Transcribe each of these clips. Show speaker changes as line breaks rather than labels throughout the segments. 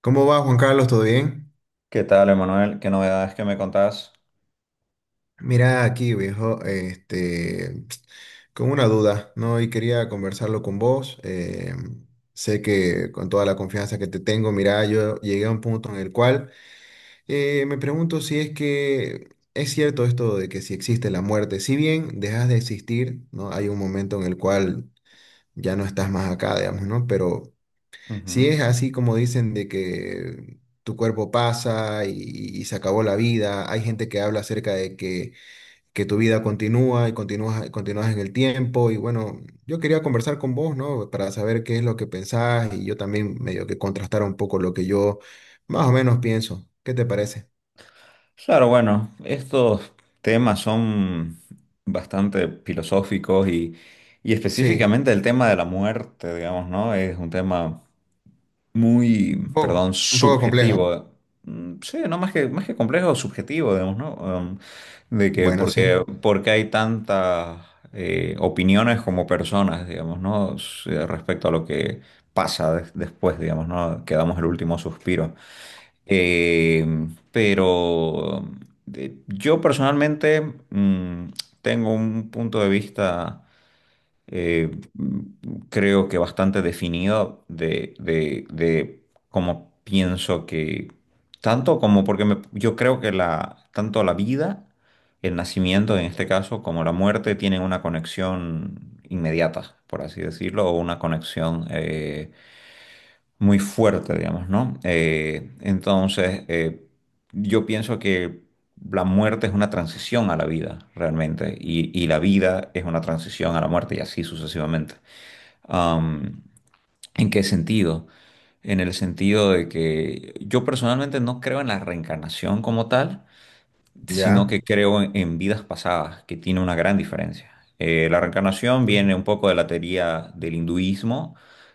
¿Cómo va, Juan Carlos? ¿Todo bien?
¿Qué tal, Emanuel? ¿Qué novedades que me contás?
Mira aquí, viejo, este, con una duda, ¿no? Y quería conversarlo con vos. Sé que con toda la confianza que te tengo, mira, yo llegué a un punto en el cual me pregunto si es que es cierto esto de que si existe la muerte, si bien dejas de existir, ¿no? Hay un momento en el cual ya no estás más acá, digamos, ¿no? Pero si
Ujú.
es así como dicen de que tu cuerpo pasa y se acabó la vida, hay gente que habla acerca de que tu vida continúa y continúas, continúas en el tiempo y bueno, yo quería conversar con vos, ¿no? Para saber qué es lo que pensás y yo también medio que contrastar un poco lo que yo más o menos pienso. ¿Qué te parece?
Claro, bueno, estos temas son bastante filosóficos y
Sí,
específicamente el tema de la muerte, digamos, ¿no? Es un tema muy, perdón,
un poco complejo.
subjetivo. Mm, sí, no más que complejo, subjetivo, digamos, ¿no? De que
Bueno,
porque,
sí,
porque hay tantas opiniones como personas, digamos, ¿no? Respecto a lo que pasa después, digamos, ¿no? Que damos el último suspiro. Eh, pero yo personalmente mm, tengo un punto de vista, eh, mm, creo que bastante definido de cómo pienso que, tanto como porque yo creo que tanto la vida, el nacimiento en este caso, como la muerte tienen una conexión inmediata, por así decirlo, o una conexión... muy fuerte, digamos, ¿no? Entonces, yo pienso que la muerte es una transición a la vida, realmente, y la vida es una transición a la muerte y así sucesivamente. Am, ¿En qué sentido? En el sentido de que yo personalmente no creo en la reencarnación como tal, sino
ya.
que creo en vidas pasadas, que tiene una gran diferencia. La reencarnación
Ujú,
viene un poco de la teoría del hinduismo,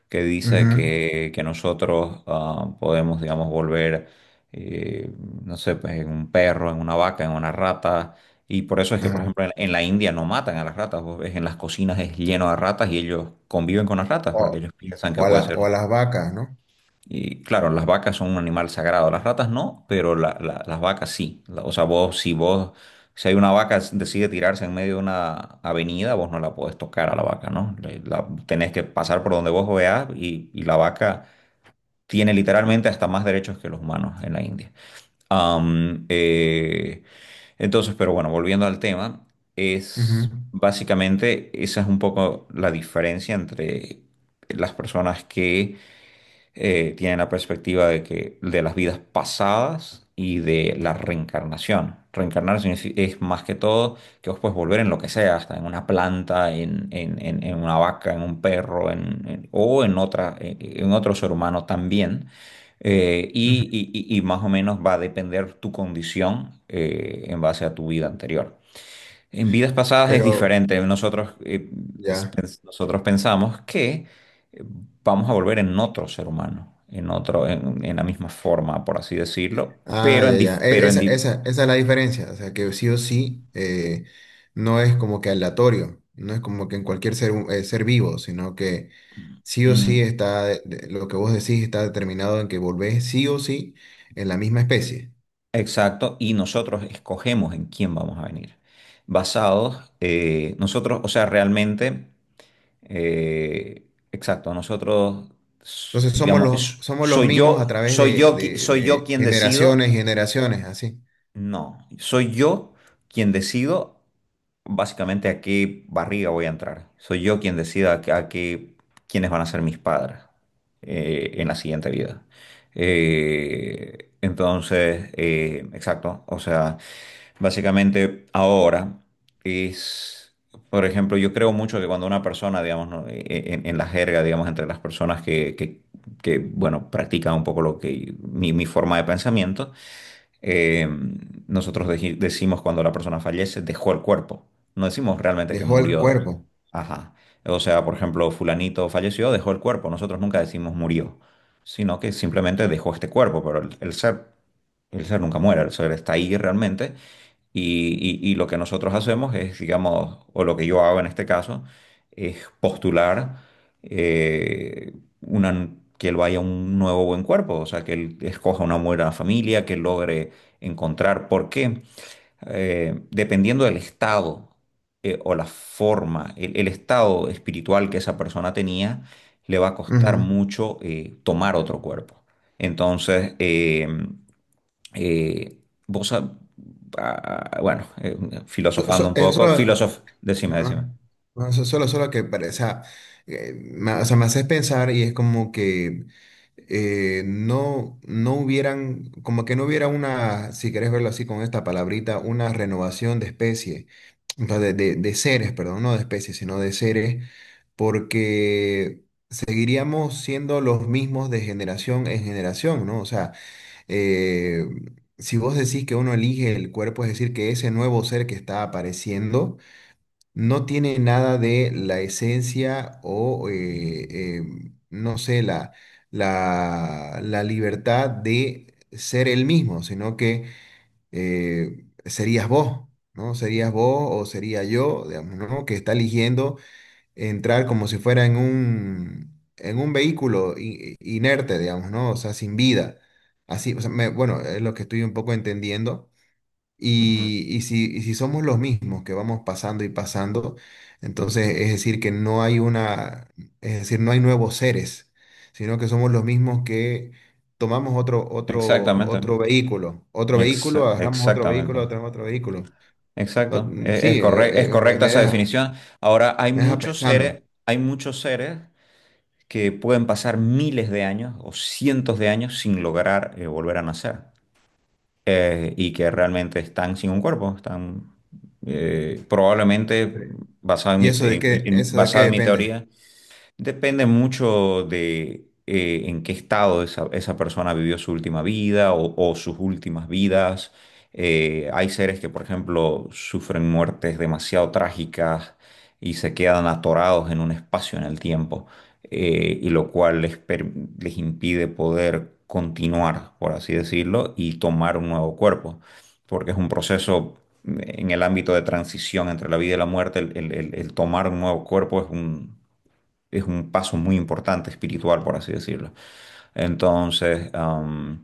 que dice que nosotros podemos, digamos, volver, eh, no sé, pues en un perro, en una vaca, en una rata. Y por eso es que, por
ajá.
ejemplo, en la India no matan a las ratas. Vos ves en las cocinas es lleno de ratas y ellos conviven con las ratas
O,
porque ellos piensan que
o
puede ser.
o a las vacas, ¿no?
Y claro, las vacas son un animal sagrado, las ratas no, pero las vacas sí. O sea, vos, si hay una vaca que decide tirarse en medio de una avenida, vos no la podés tocar a la vaca, ¿no? Tenés que pasar por donde vos veas y, la vaca tiene literalmente hasta más derechos que los humanos en la India. Am, eh, entonces, pero bueno, volviendo al tema, es básicamente esa es un poco la diferencia entre las personas que tienen la perspectiva de que de las vidas pasadas y de la reencarnación. Reencarnar es más que todo que vos puedes volver en lo que sea, hasta en una planta, en una vaca, en un perro, o en otra, en otro ser humano también.
Ujú,
Y,
ujú.
y más o menos va a depender tu condición en base a tu vida anterior. En vidas pasadas es
Pero...
diferente. Nosotros, eh, es-
Ya.
pens- nosotros pensamos que eh, vamos a volver en otro ser humano, en la misma forma, por así decirlo.
Ah,
Pero en,
ya, ya.
dif- pero en
Esa,
di-
esa, esa es la diferencia. O sea, que sí o sí no es como que aleatorio, no es como que en cualquier ser, ser vivo, sino que sí o sí
mm,
está, lo que vos decís está determinado en que volvés sí o sí en la misma especie.
Exacto, y nosotros escogemos en quién vamos a venir. Basados, nosotros, o sea, realmente, eh, exacto, nosotros,
Entonces
digamos,
somos los
soy
mismos a
yo,
través
soy
de,
yo, qui- soy yo
de
quien decido.
generaciones y generaciones, así.
No, soy yo quien decido básicamente a qué barriga voy a entrar. Soy yo quien decida quiénes van a ser mis padres en la siguiente vida. Entonces, exacto. O sea, básicamente ahora es, por ejemplo, yo creo mucho que cuando una persona, digamos, ¿no? En la jerga, digamos, entre las personas que, bueno, practican un poco lo que mi forma de pensamiento. Eh, Nosotros decimos cuando la persona fallece, dejó el cuerpo. No decimos realmente que
Dejó el
murió.
cuerpo.
Ajá. O sea, por ejemplo, fulanito falleció, dejó el cuerpo. Nosotros nunca decimos murió, sino que simplemente dejó este cuerpo, pero el ser nunca muere, el ser está ahí realmente. Y lo que nosotros hacemos es, digamos, o lo que yo hago en este caso, es postular eh, una- que él vaya a un nuevo buen cuerpo, o sea, que él escoja una buena familia, que logre encontrar por qué. Dependiendo del estado o la forma, el estado espiritual que esa persona tenía, le va a costar
Ujú.
mucho tomar otro cuerpo. Entonces, eh, vos, sab- bueno, filosofando un
Es
poco, decime, decime.
no, no, solo, solo que o sea, o sea, me haces pensar y es como que no, no hubieran, como que no hubiera una, si querés verlo así con esta palabrita, una renovación de especie, o sea, de seres, perdón, no de especies, sino de seres, porque seguiríamos siendo los mismos de generación en generación, ¿no? O sea, eh, si vos decís que uno elige el cuerpo, es decir, que ese nuevo ser que está apareciendo, no tiene nada de la esencia o, eh, no sé, la libertad de ser él mismo, sino que serías vos, ¿no? Serías vos o sería yo, digamos, ¿no? Que está eligiendo entrar como si fuera en un vehículo inerte, digamos, ¿no? O sea, sin vida. Así, o sea, bueno, es lo que estoy un poco entendiendo.
Ujú.
Y si somos los mismos que vamos pasando y pasando, entonces es decir que no hay una, es decir, no hay nuevos seres, sino que somos los mismos que tomamos otro, otro,
Exactamente.
otro vehículo,
Exa-
agarramos otro
exactamente.
vehículo, otro, otro vehículo.
Exacto. E- Es,
Sí,
corre- es
me,
correcta esa definición. Ahora, hay
me deja
muchos
pensando.
seres, hay muchos seres que pueden pasar miles de años o cientos de años sin lograr volver a nacer. Y que realmente están sin un cuerpo, están probablemente
Sí. ¿Y eso de qué
basado en mi
depende?
teoría. Depende mucho de en qué estado esa persona vivió su última vida o sus últimas vidas. Hay seres que, por ejemplo, sufren muertes demasiado trágicas y se quedan atorados en un espacio en el tiempo, y lo cual les impide poder continuar, por así decirlo, y tomar un nuevo cuerpo, porque es un proceso en el ámbito de transición entre la vida y la muerte. El tomar un nuevo cuerpo es un paso muy importante espiritual, por así decirlo. Entonces, am,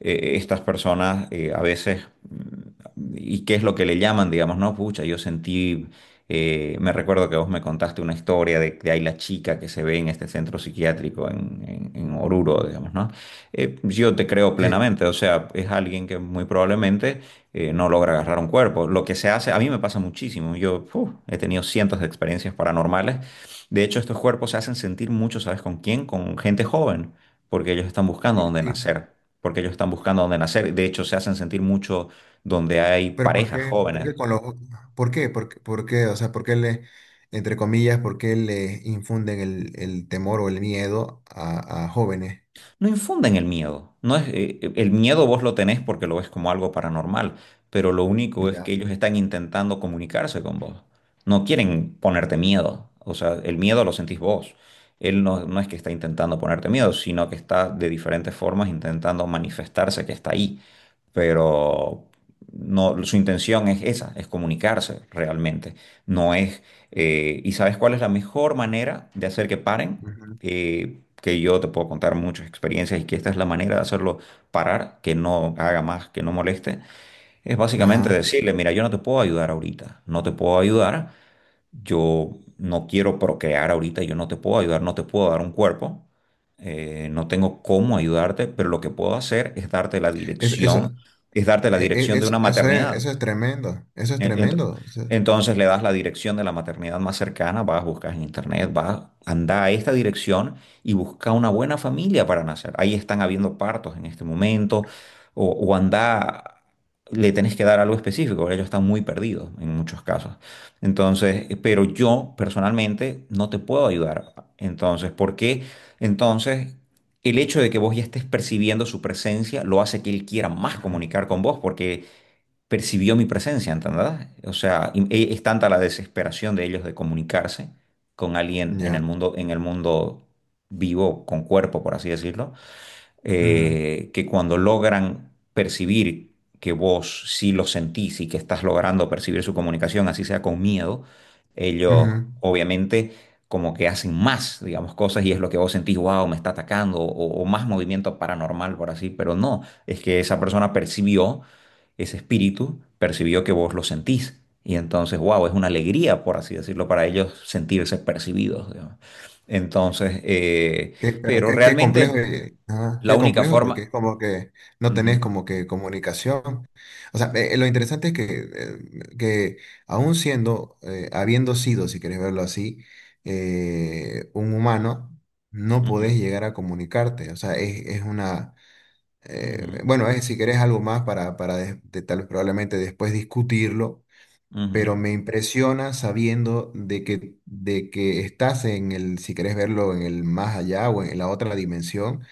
eh, estas personas a veces. ¿Y qué es lo que le llaman? Digamos, no, pucha, yo sentí, me recuerdo que vos me contaste una historia de ahí la chica que se ve en este centro psiquiátrico en Oruro, digamos, ¿no? Yo te creo plenamente, o sea, es alguien que muy probablemente no logra agarrar un cuerpo. Lo que se hace, a mí me pasa muchísimo, yo uf, he tenido cientos de experiencias paranormales. De hecho, estos cuerpos se hacen sentir mucho, ¿sabes con quién? Con gente joven, porque ellos están buscando dónde
Sí.
nacer, porque ellos están buscando dónde nacer. De hecho, se hacen sentir mucho donde hay
Pero ¿por
parejas
qué? ¿Por
jóvenes.
qué con los, ¿por qué? ¿Por qué? ¿por qué? O sea, ¿por qué le, entre comillas, por qué le infunden el temor o el miedo a jóvenes?
No infunden el miedo. No es, el miedo vos lo tenés porque lo ves como algo paranormal, pero lo único es que
Ya.
ellos están intentando comunicarse con vos. No quieren ponerte miedo. O sea, el miedo lo sentís vos. Él no, no es que está intentando ponerte miedo, sino que está de diferentes formas intentando manifestarse que está ahí. Pero no, su intención es esa, es comunicarse realmente. No es. ¿Y sabes cuál es la mejor manera de hacer que paren?
Ujú.
Que yo te puedo contar muchas experiencias y que esta es la manera de hacerlo parar, que no haga más, que no moleste. Es básicamente
Ajá.
decirle, mira, yo no te puedo ayudar ahorita, no te puedo ayudar, yo no quiero procrear ahorita, yo no te puedo ayudar, no te puedo dar un cuerpo, no tengo cómo ayudarte, pero lo que puedo hacer es darte la
Eso,
dirección, es darte la dirección de una maternidad.
eso es tremendo. Eso es
En- ent-
tremendo. O sea,
Entonces le das la dirección de la maternidad más cercana, vas, buscas en internet, vas, anda a esta dirección y busca una buena familia para nacer. Ahí están habiendo partos en este momento, o anda, le tenés que dar algo específico, porque ellos están muy perdidos en muchos casos. Entonces, pero yo personalmente no te puedo ayudar. Entonces, ¿por qué? Entonces, el hecho de que vos ya estés percibiendo su presencia lo hace que él quiera más
ujú.
comunicar con vos, porque percibió mi presencia, ¿entendés? O sea, es tanta la desesperación de ellos de comunicarse con alguien
Ya.
en el mundo vivo, con cuerpo, por así decirlo,
Ujú.
que cuando logran percibir que vos sí lo sentís y que estás logrando percibir su comunicación, así sea con miedo, ellos
Ujú.
obviamente como que hacen más, digamos, cosas y es lo que vos sentís, wow, me está atacando, o más movimiento paranormal, por así, pero no, es que esa persona percibió ese espíritu percibió que vos lo sentís. Y entonces, wow, es una alegría, por así decirlo, para ellos sentirse percibidos. Digamos. Entonces,
Pero
pero
qué, qué complejo,
realmente
ajá,
la
qué
única
complejo porque
forma.
es como que no tenés
Ujú,
como que comunicación. O sea, lo interesante es que aún siendo, habiendo sido, si querés verlo así, un humano, no
ujú,
podés llegar a comunicarte. O sea, es una,
ujú,
bueno, es si querés algo más para tal vez probablemente después discutirlo, pero
ujú,
me impresiona sabiendo de que estás en el, si querés verlo, en el más allá o en la otra dimensión,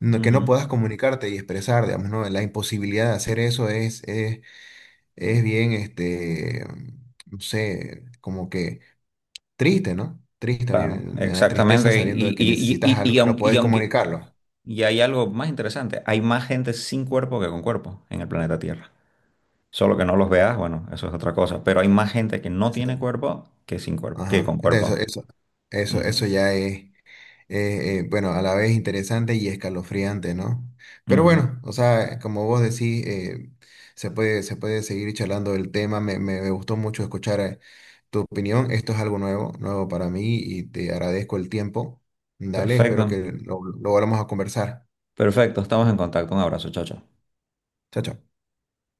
que no
ujú.
puedas comunicarte y expresar, digamos, ¿no? La imposibilidad de hacer eso es bien, este, no sé, como que triste, ¿no? Triste, a mí me,
Claro,
me da tristeza
exactamente.
sabiendo
Y,
de que
y,
necesitas
y, y
algo y no
aunque, y
puedes
aunque-
comunicarlo.
y hay algo más interesante, hay más gente sin cuerpo que con cuerpo en el planeta Tierra. Solo que no los veas, bueno, eso es otra cosa. Pero hay más gente que no tiene
Ese-
cuerpo que sin cuerpo, que con
Ajá, entonces eso,
cuerpo.
eso, eso, eso
Ujú.
ya es. Bueno, a la vez interesante y escalofriante, ¿no? Pero
Ujú.
bueno, o sea, como vos decís, se puede seguir charlando del tema. Me, me gustó mucho escuchar tu opinión. Esto es algo nuevo, nuevo para mí y te agradezco el tiempo. Dale,
Perfecto,
espero que lo volvamos a conversar.
perfecto. Estamos en contacto. Un abrazo, chao, chao.
Chao, chao.